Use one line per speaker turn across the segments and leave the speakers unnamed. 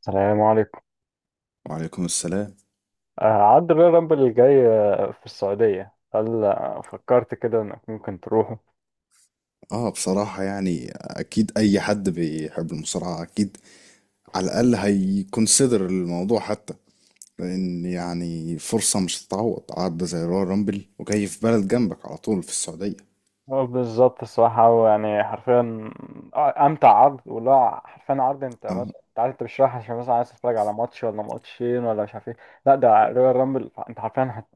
السلام عليكم.
وعليكم السلام.
آه، عد الريال رامبل الجاي، في السعودية، هل فكرت كده انك ممكن تروحه؟
اه، بصراحة يعني اكيد اي حد بيحب المصارعة، اكيد على الاقل هيكونسيدر الموضوع حتى. لان يعني فرصة مش هتتعوض، عارضة زي رويال رامبل وجاي في بلد جنبك على طول في السعودية.
هو بالظبط الصراحة، هو يعني حرفيا أمتع عرض، ولا حرفيا عرض أنت
اه،
مثلا أنت عارف أنت مش رايح عشان مثلا عايز تتفرج على ماتش ولا ماتشين ولا مش عارف إيه. لا، ده ريال رامبل، أنت حرفيا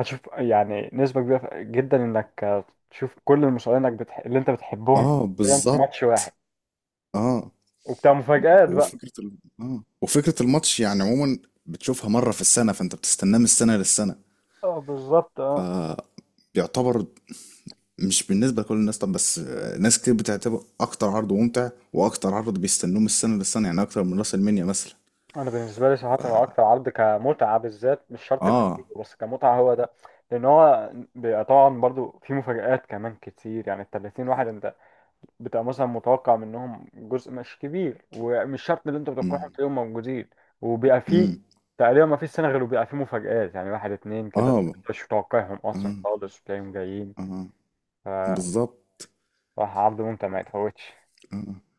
هتشوف يعني نسبة كبيرة جدا إنك، تشوف كل المصارعين، إنك اللي أنت بتحبهم
اه،
في
بالظبط.
ماتش واحد،
اه،
وبتاع مفاجآت بقى.
وفكرة ال... اه وفكرة الماتش يعني عموما بتشوفها مرة في السنة، فانت بتستناه من السنة للسنة.
اه، بالظبط، اه.
آه. بيعتبر، مش بالنسبة لكل الناس، طب بس ناس كتير بتعتبر أكتر عرض ممتع وأكتر عرض بيستنوه من السنة للسنة، يعني أكتر من راس المنيا مثلا.
انا بالنسبه لي صراحه هو اكتر عرض كمتعه، بالذات مش شرط كتير
آه.
بس كمتعه هو ده، لان هو بيبقى طبعا برضو في مفاجآت كمان كتير، يعني ال 30 واحد انت بتبقى مثلا متوقع منهم جزء مش كبير، ومش شرط اللي انت متوقعهم
أمم.
تلاقيهم موجودين، وبيبقى في
أمم.
تقريبا ما فيش سنه غير وبيبقى في مفاجآت، يعني واحد اتنين كده
آه.
مش متوقعهم اصلا
آه.
خالص وتلاقيهم جايين.
آه.
فصراحه
بالظبط.
عرض ممتع ما يتفوتش.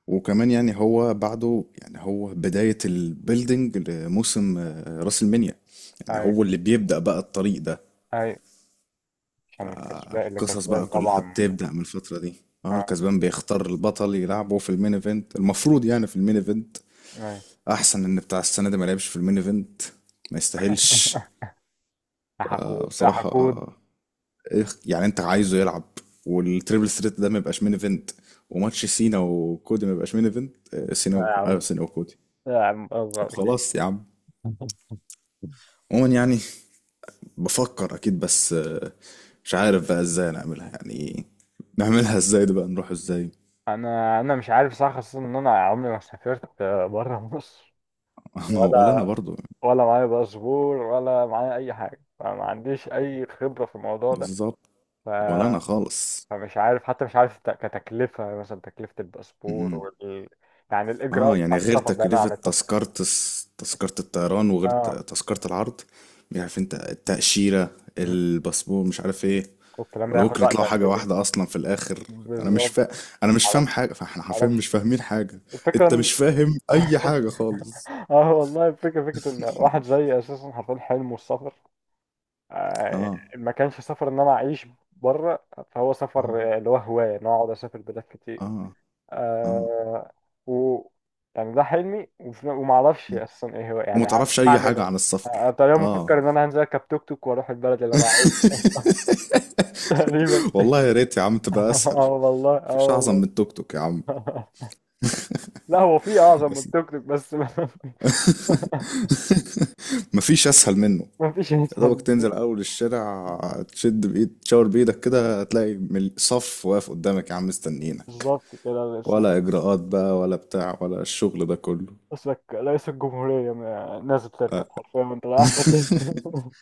وكمان يعني هو بعده، يعني هو بداية البيلدينج لموسم راس المنيا. يعني
ايوه،
هو اللي بيبدأ بقى الطريق ده.
ايوه، عشان الكسبان اللي
فالقصص بقى
كسبان
كلها
طبعا.
بتبدأ من الفترة دي. اه،
آه،
الكسبان بيختار البطل يلعبه في المين ايفنت، المفروض يعني في المين ايفنت.
أيوة.
احسن ان بتاع السنه ده ما لعبش في المين ايفنت. ما يستاهلش.
يا
آه،
حقود يا
بصراحه،
حقود.
إيه يعني انت عايزه يلعب؟ والتريبل ثريت ده ما يبقاش مين ايفنت، وماتش سينا وكودي ما يبقاش مين ايفنت؟
يا
ايوه،
عم،
سينا وكودي.
يا عم
طب
أصغر فيك.
خلاص يا عم. عموما يعني بفكر اكيد، بس مش عارف بقى ازاي نعملها، يعني نعملها ازاي دي بقى، نروح ازاي؟
أنا مش عارف صح، خصوصا إن أنا عمري ما سافرت بره مصر،
ما هو ولا انا
ولا
برضو.
ولا معايا باسبور، ولا معايا أي حاجة، فما عنديش أي خبرة في الموضوع ده.
بالظبط.
ف...
ولا انا خالص.
فمش عارف حتى، مش عارف كتكلفة مثلا، تكلفة الباسبور يعني الإجراءات
اه، يعني
بتاعت
غير
السفر بعيدا
تكلفة
عن التذكرة.
تذكرة تذكرة الطيران وغير
آه،
تذكرة العرض. مش عارف انت، التأشيرة، الباسبور، مش عارف ايه.
والكلام ده
ولا
ياخد
ممكن
وقت
يطلعوا حاجة
قد إيه؟
واحدة أصلا في الآخر؟ أنا مش
بالظبط.
فا... أنا مش فاهم
معرفش
حاجة، فاحنا حرفيا
معرفش.
مش فاهمين حاجة. أنت مش
الفكرة.
فاهم أي حاجة خالص.
اه والله، الفكرة فكرة ان واحد زي اساسا حرفيا حلمه السفر. آه،
اه.
ما كانش سفر ان انا اعيش بره، فهو
اه.
سفر اللي هو هواية، ان أنا اقعد اسافر بلاد كتير.
اه. اه.
آه و يعني ده حلمي، وما اعرفش
مم.
اساسا ايه هو،
وما
يعني هعمل
تعرفش أي
هعمل
حاجة
ايه.
عن السفر،
تقريبا
اه.
مفكر ان انا هنزل اركب توك توك واروح البلد اللي انا عايزها. تقريبا.
والله يا ريت يا عم تبقى أسهل.
اه والله، اه
مفيش أعظم من
والله.
التوك توك يا عم.
لا، هو في اعظم من
بس
التوك توك بس ما
مفيش اسهل منه.
ما فيش
يا دوبك
انسان.
تنزل اول الشارع، تشد بايد، تشاور بايدك كده هتلاقي صف واقف قدامك يا عم مستنيينك.
بالظبط كده، بس
ولا اجراءات بقى، ولا بتاع، ولا الشغل ده كله.
اسمك رئيس الجمهورية، نازل تركب حرفيا وانت رايح تركب.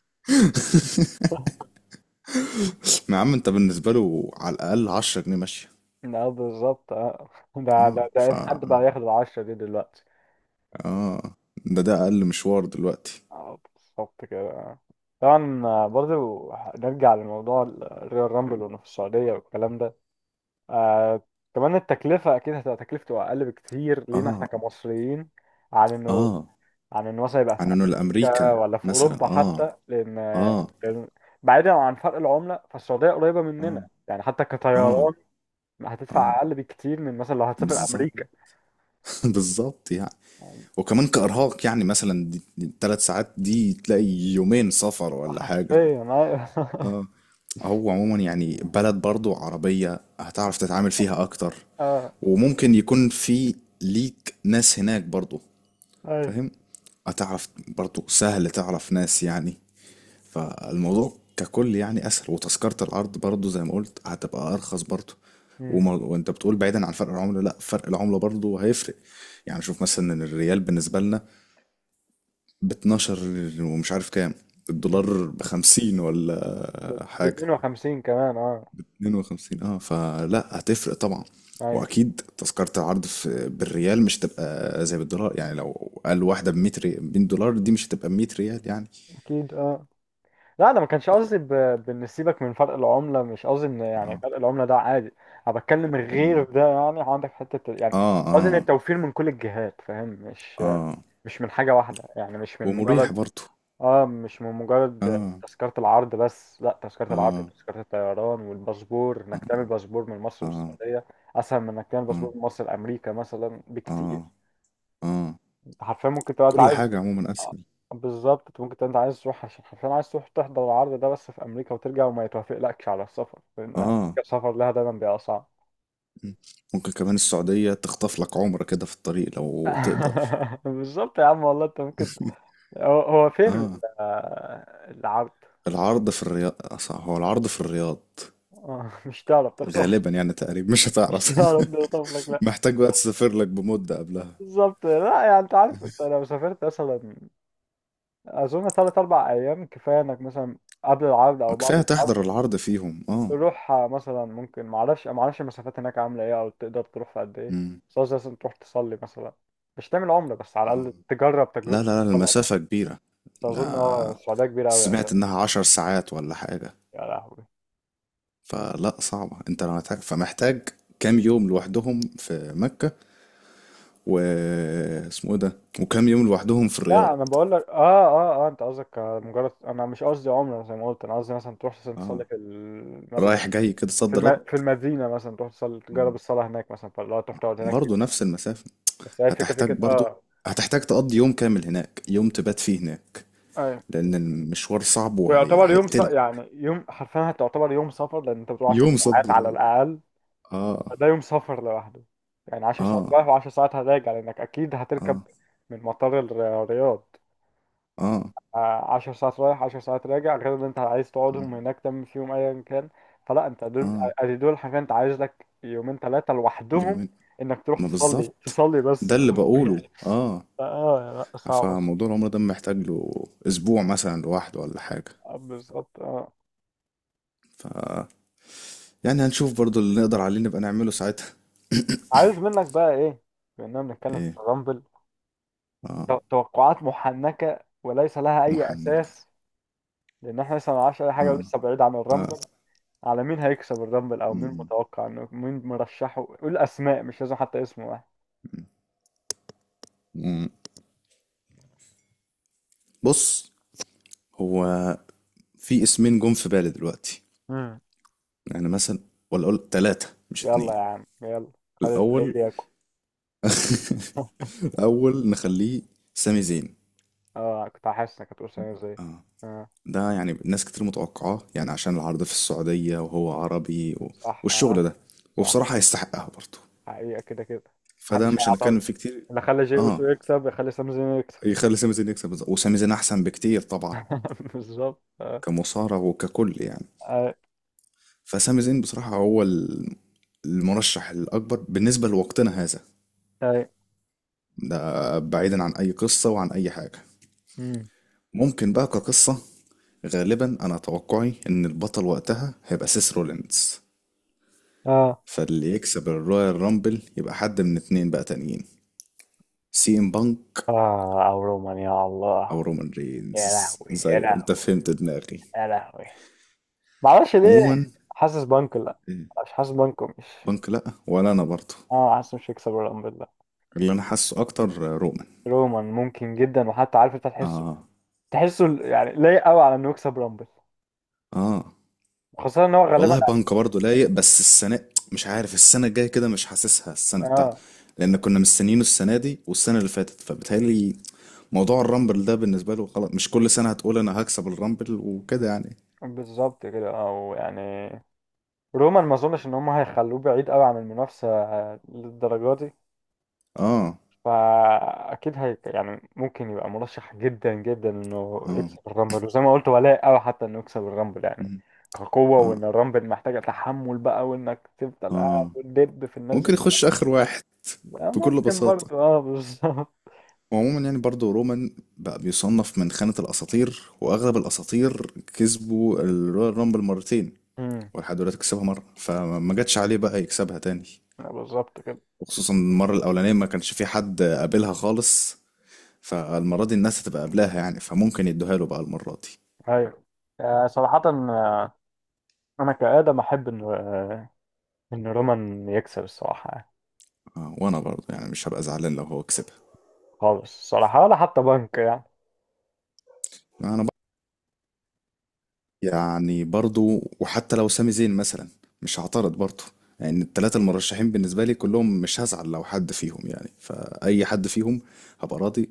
ما يا عم انت بالنسبه له على الاقل 10 جنيه ماشيه.
لا بالظبط، اه. ده
اه
ده
ف
ده إن حد بقى ياخد العشرة دي دلوقتي.
اه ده اقل مشوار دلوقتي.
اه بالظبط كده. طبعا، برضه نرجع لموضوع الريال رامبل، وانه في السعودية والكلام ده. آه كمان التكلفة أكيد هتبقى تكلفته أقل بكتير لينا احنا
اه.
كمصريين، عن إنه
اه.
عن ان مثلا يبقى في
عنونه
امريكا،
لامريكا
ولا في
مثلا.
اوروبا
اه.
حتى، لان
اه.
لأن بعيدا عن فرق العمله، فالسعوديه قريبه مننا
اه.
يعني، حتى
اه.
كطيران
اه.
هتدفع اقل بكتير من مثلا لو هتسافر
بالظبط.
امريكا.
بالظبط يعني. وكمان كإرهاق يعني مثلا، دي التلات ساعات دي تلاقي يومين سفر ولا
حرفيا.
حاجة.
ايوه.
اه. هو عموما يعني بلد برضو عربية، هتعرف تتعامل فيها أكتر.
اه،
وممكن يكون في ليك ناس هناك برضو،
ايوه.
فاهم. هتعرف برضو سهل تعرف ناس يعني. فالموضوع ككل يعني أسهل، وتذكرة العرض برضو زي ما قلت هتبقى أرخص برضو.
أمم.
وانت بتقول بعيدا عن فرق العملة، لا فرق العملة برضو هيفرق. يعني شوف مثلا إن الريال بالنسبة لنا ب 12، ومش عارف كام،
أمم.
الدولار ب 50 ولا
ب
حاجة.
52 كمان، اه.
52، اه، فلا هتفرق طبعا.
ايوه.
واكيد تذكرة العرض في بالريال مش هتبقى زي بالدولار، يعني لو قال واحدة ب 100 100 دولار، دي مش هتبقى ب 100 ريال يعني.
اكيد، اه. لا انا ما كانش قصدي بان سيبك من فرق العمله، مش قصدي ان يعني
اه.
فرق العمله ده عادي، انا بتكلم غير
مم.
ده يعني، عندك حته يعني،
اه. اه.
قصدي ان التوفير من كل الجهات، فاهم، مش
اه.
مش من حاجة واحدة، يعني
ومريح برضو.
مش من مجرد
اه.
تذكرة العرض بس، لا، تذكرة العرض،
اه.
تذكرة الطيران، والباسبور، انك
اه.
تعمل باسبور من مصر
اه.
للسعودية اسهل من انك تعمل
اه.
باسبور من مصر لامريكا مثلا
اه.
بكتير.
آه.
انت حرفيا ممكن تبقى انت
كل
عايز،
حاجة عموما
آه،
اسهل.
بالظبط، انت ممكن تبقى انت عايز تروح عشان حرفيا عايز تروح تحضر العرض ده بس في امريكا وترجع، وما يتوافقلكش على السفر لان أمريكا
اه.
السفر لها دايما بيبقى صعب.
مم. ممكن كمان السعودية تخطف لك عمرة كده في الطريق لو تقدر.
بالظبط يا عم، والله انت ممكن. هو هو فين
اه،
العرض؟
العرض في الرياض، أصح هو العرض في الرياض.
مش تعرف تخطف،
غالبا يعني، تقريبا مش
مش
هتعرف.
تعرف تخطف لك لا.
محتاج بقى تسافر لك بمدة قبلها.
بالظبط، لا يعني انت عارف، انت لو سافرت مثلا، اظن ثلاث اربع ايام كفايه، انك مثلا قبل العرض
آه،
او بعد
كفاية
العرض
تحضر العرض فيهم، اه.
تروح، مثلا، ممكن، ما اعرفش المسافات هناك عامله ايه، او تقدر تروح في قد ايه،
مم.
بس قصدي مثلا تروح تصلي مثلا، مش تعمل عمره بس على
آه.
الاقل تجرب تجربه
لا، لا، لا،
الصلاه بقى.
المسافة كبيرة.
بس اظن اه
ده،
السعوديه كبيره قوي يا اخي.
سمعت انها 10 ساعات ولا حاجة.
يا لهوي.
فلا صعبة، انت لو فمحتاج كام يوم لوحدهم في مكة، و اسمه ايه ده، وكام يوم لوحدهم في
لا
الرياض.
انا بقول لك، اه اه اه انت قصدك مجرد، انا مش قصدي عمره زي ما قلت، انا قصدي مثلا تروح مثلا تصلي
اه،
في المسجد
رايح جاي كده،
في
صد رد.
في المدينة مثلا، تروح تصلي تجرب الصلاة هناك مثلا، فاللي هو تروح تقعد هناك يوم.
برضه نفس المسافة.
بس هي الفكرة
هتحتاج
فكرة
برضو
اه.
هتحتاج تقضي يوم كامل هناك، يوم تبات فيه هناك.
ايوه.
لأن المشوار صعب
ويعتبر يوم
وهيقتلك.
يعني يوم، حرفيا هتعتبر يوم سفر، لأن أنت بتروح 10
يوم
ساعات على
صدر.
الأقل،
اه.
ده يوم سفر لوحده، يعني 10 ساعات
اه.
رايح و10 ساعات هراجع، لأنك أكيد هتركب
اه.
من مطار الرياض،
اه.
10 ساعات رايح 10 ساعات راجع، غير إن أنت عايز
م.
تقعدهم هناك تعمل فيهم أيا كان، فلا، أنت دول،
اه.
أدي دول حرفيا، أنت عايز لك يومين ثلاثة لوحدهم
يومين.
إنك تروح
ما
تصلي
بالظبط،
تصلي
ده
بس.
اللي بقوله، اه.
اه لا، صعبة.
فموضوع العمر ده محتاج له اسبوع مثلا لوحده ولا حاجة.
بالظبط، اه.
ف يعني هنشوف برضو اللي نقدر عليه نبقى نعمله ساعتها.
عايز منك بقى ايه، بما بنتكلم في
ايه.
الرامبل،
اه.
توقعات محنكة وليس لها اي
محنك.
اساس، لان احنا لسه ما نعرفش اي حاجة
اه.
ولسه بعيد عن
اه.
الرامبل، على مين هيكسب الرامبل، او مين
م.
متوقع انه، مين مرشحه، قول اسماء، مش لازم حتى اسم واحد.
م. بص، هو في اسمين جم في بالي دلوقتي،
امم
يعني مثلا، ولا اقول ثلاثة مش اتنين.
يلا يا عم يلا، خلي الفقير
الاول
ياكل.
الاول نخليه سامي زين.
اه كنت حاسس انك هتقول سامي زي.
اه،
اه،
ده يعني ناس كتير متوقعاه يعني عشان العرض في السعودية وهو عربي
صح،
والشغل
اه،
ده.
صح،
وبصراحة يستحقها برضه.
حقيقة كده كده،
فده
محدش
مش
هيعترض،
هنتكلم فيه كتير.
اللي خلى جي اوسو
اه،
يكسب يخلي سامي زين يكسب.
يخلي سامي زين يكسب، بالظبط. وسامي زين احسن بكتير طبعا،
بالظبط، اه.
كمصارع وككل يعني.
اه،
فسامي زين بصراحة هو المرشح الأكبر بالنسبة لوقتنا هذا.
اه،
ده بعيدا عن اي قصة وعن اي حاجة.
مم.
ممكن بقى كقصة، غالبا انا توقعي ان البطل وقتها هيبقى سيس رولينز.
اه،
فاللي يكسب الرويال رامبل يبقى حد من اتنين بقى تانيين: سي ام بانك
او رومان، يا
او
الله.
رومان رينز.
يا لهوي،
زي
يا
انت
لهوي،
فهمت دماغي.
يا لهوي. معرفش ليه،
عموما،
حاسس بانكو لا،
إيه،
مش حاسس بانكو، مش،
بانك لا، ولا انا برضه.
اه حاسس مش هيكسب الرامبل لا.
اللي انا حاسه اكتر رومان.
رومان ممكن جدا، وحتى عارف انت تحسه،
اه.
تحسه يعني لايق قوي على انه يكسب رامبل،
اه.
خاصة ان هو غالبا
والله، بانكا برضه لايق بس السنة، مش عارف السنة الجاية كده مش حاسسها السنة بتاعتنا.
اه.
لأن كنا مستنيينه السنة دي والسنة اللي فاتت، فبتهيألي موضوع الرامبل ده بالنسبة له خلاص، مش كل سنة هتقول أنا هكسب الرامبل وكده يعني.
بالظبط كده، او يعني رومان ما اظنش ان هم هيخلوه بعيد قوي عن المنافسة للدرجة دي،
اه.
فاكيد هي يعني ممكن يبقى مرشح جدا جدا انه
اه.
يكسب الرامبل، وزي ما قلت ولاء قوي حتى انه يكسب الرامبل يعني
مم.
كقوه،
اه.
وان الرامبل محتاجه تحمل بقى، وانك تفضل قاعد
اه.
وتدب في الناس دي.
ممكن يخش آخر واحد بكل
ممكن
بساطة.
برضه، اه، بالظبط.
وعموما يعني برضه رومان بقى بيصنف من خانة الأساطير، وأغلب الأساطير كسبوا الرويال رامبل مرتين،
أمم.
ولحد دلوقتي كسبها مرة، فما جاتش عليه بقى يكسبها تاني.
بالظبط كده.
وخصوصا المرة الأولانية ما كانش في حد قابلها خالص، فالمرة دي الناس هتبقى قابلاها يعني، فممكن يدوها له بقى المرة دي.
ايوه. صراحه، انا كادم احب ان رومان يكسب الصراحه يعني.
آه، وأنا برضو يعني مش هبقى زعلان لو هو كسبها.
خالص الصراحه، ولا حتى بنك يعني.
أنا بقى، يعني برضو، وحتى لو سامي زين مثلا مش هعترض برضو. يعني التلاتة المرشحين بالنسبة لي كلهم مش هزعل لو حد فيهم يعني، فأي حد فيهم هبقى راضي.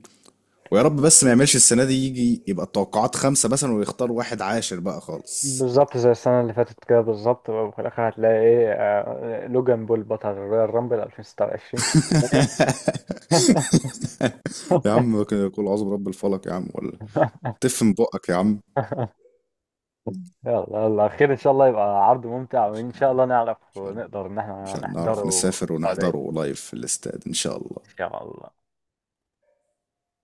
ويا رب بس ما يعملش السنة دي يجي يبقى التوقعات خمسة مثلا، ويختار واحد عاشر بقى خالص.
بالظبط زي السنة اللي فاتت كده بالظبط، وفي الآخر هتلاقي إيه، لوجان بول بطل رويال رامبل 2026 في السعودية.
يا عم كده قول عظم رب الفلق يا عم، ولا تفهم بقك يا عم.
يلا يلا، خير إن شاء الله يبقى عرض ممتع،
إن
وإن
شاء
شاء
الله.
الله نعرف
إن شاء الله.
ونقدر إن
إن
إحنا
شاء الله نعرف
نحضره
نسافر
في السعودية
ونحضره لايف في الاستاد، إن شاء الله.
إن شاء الله.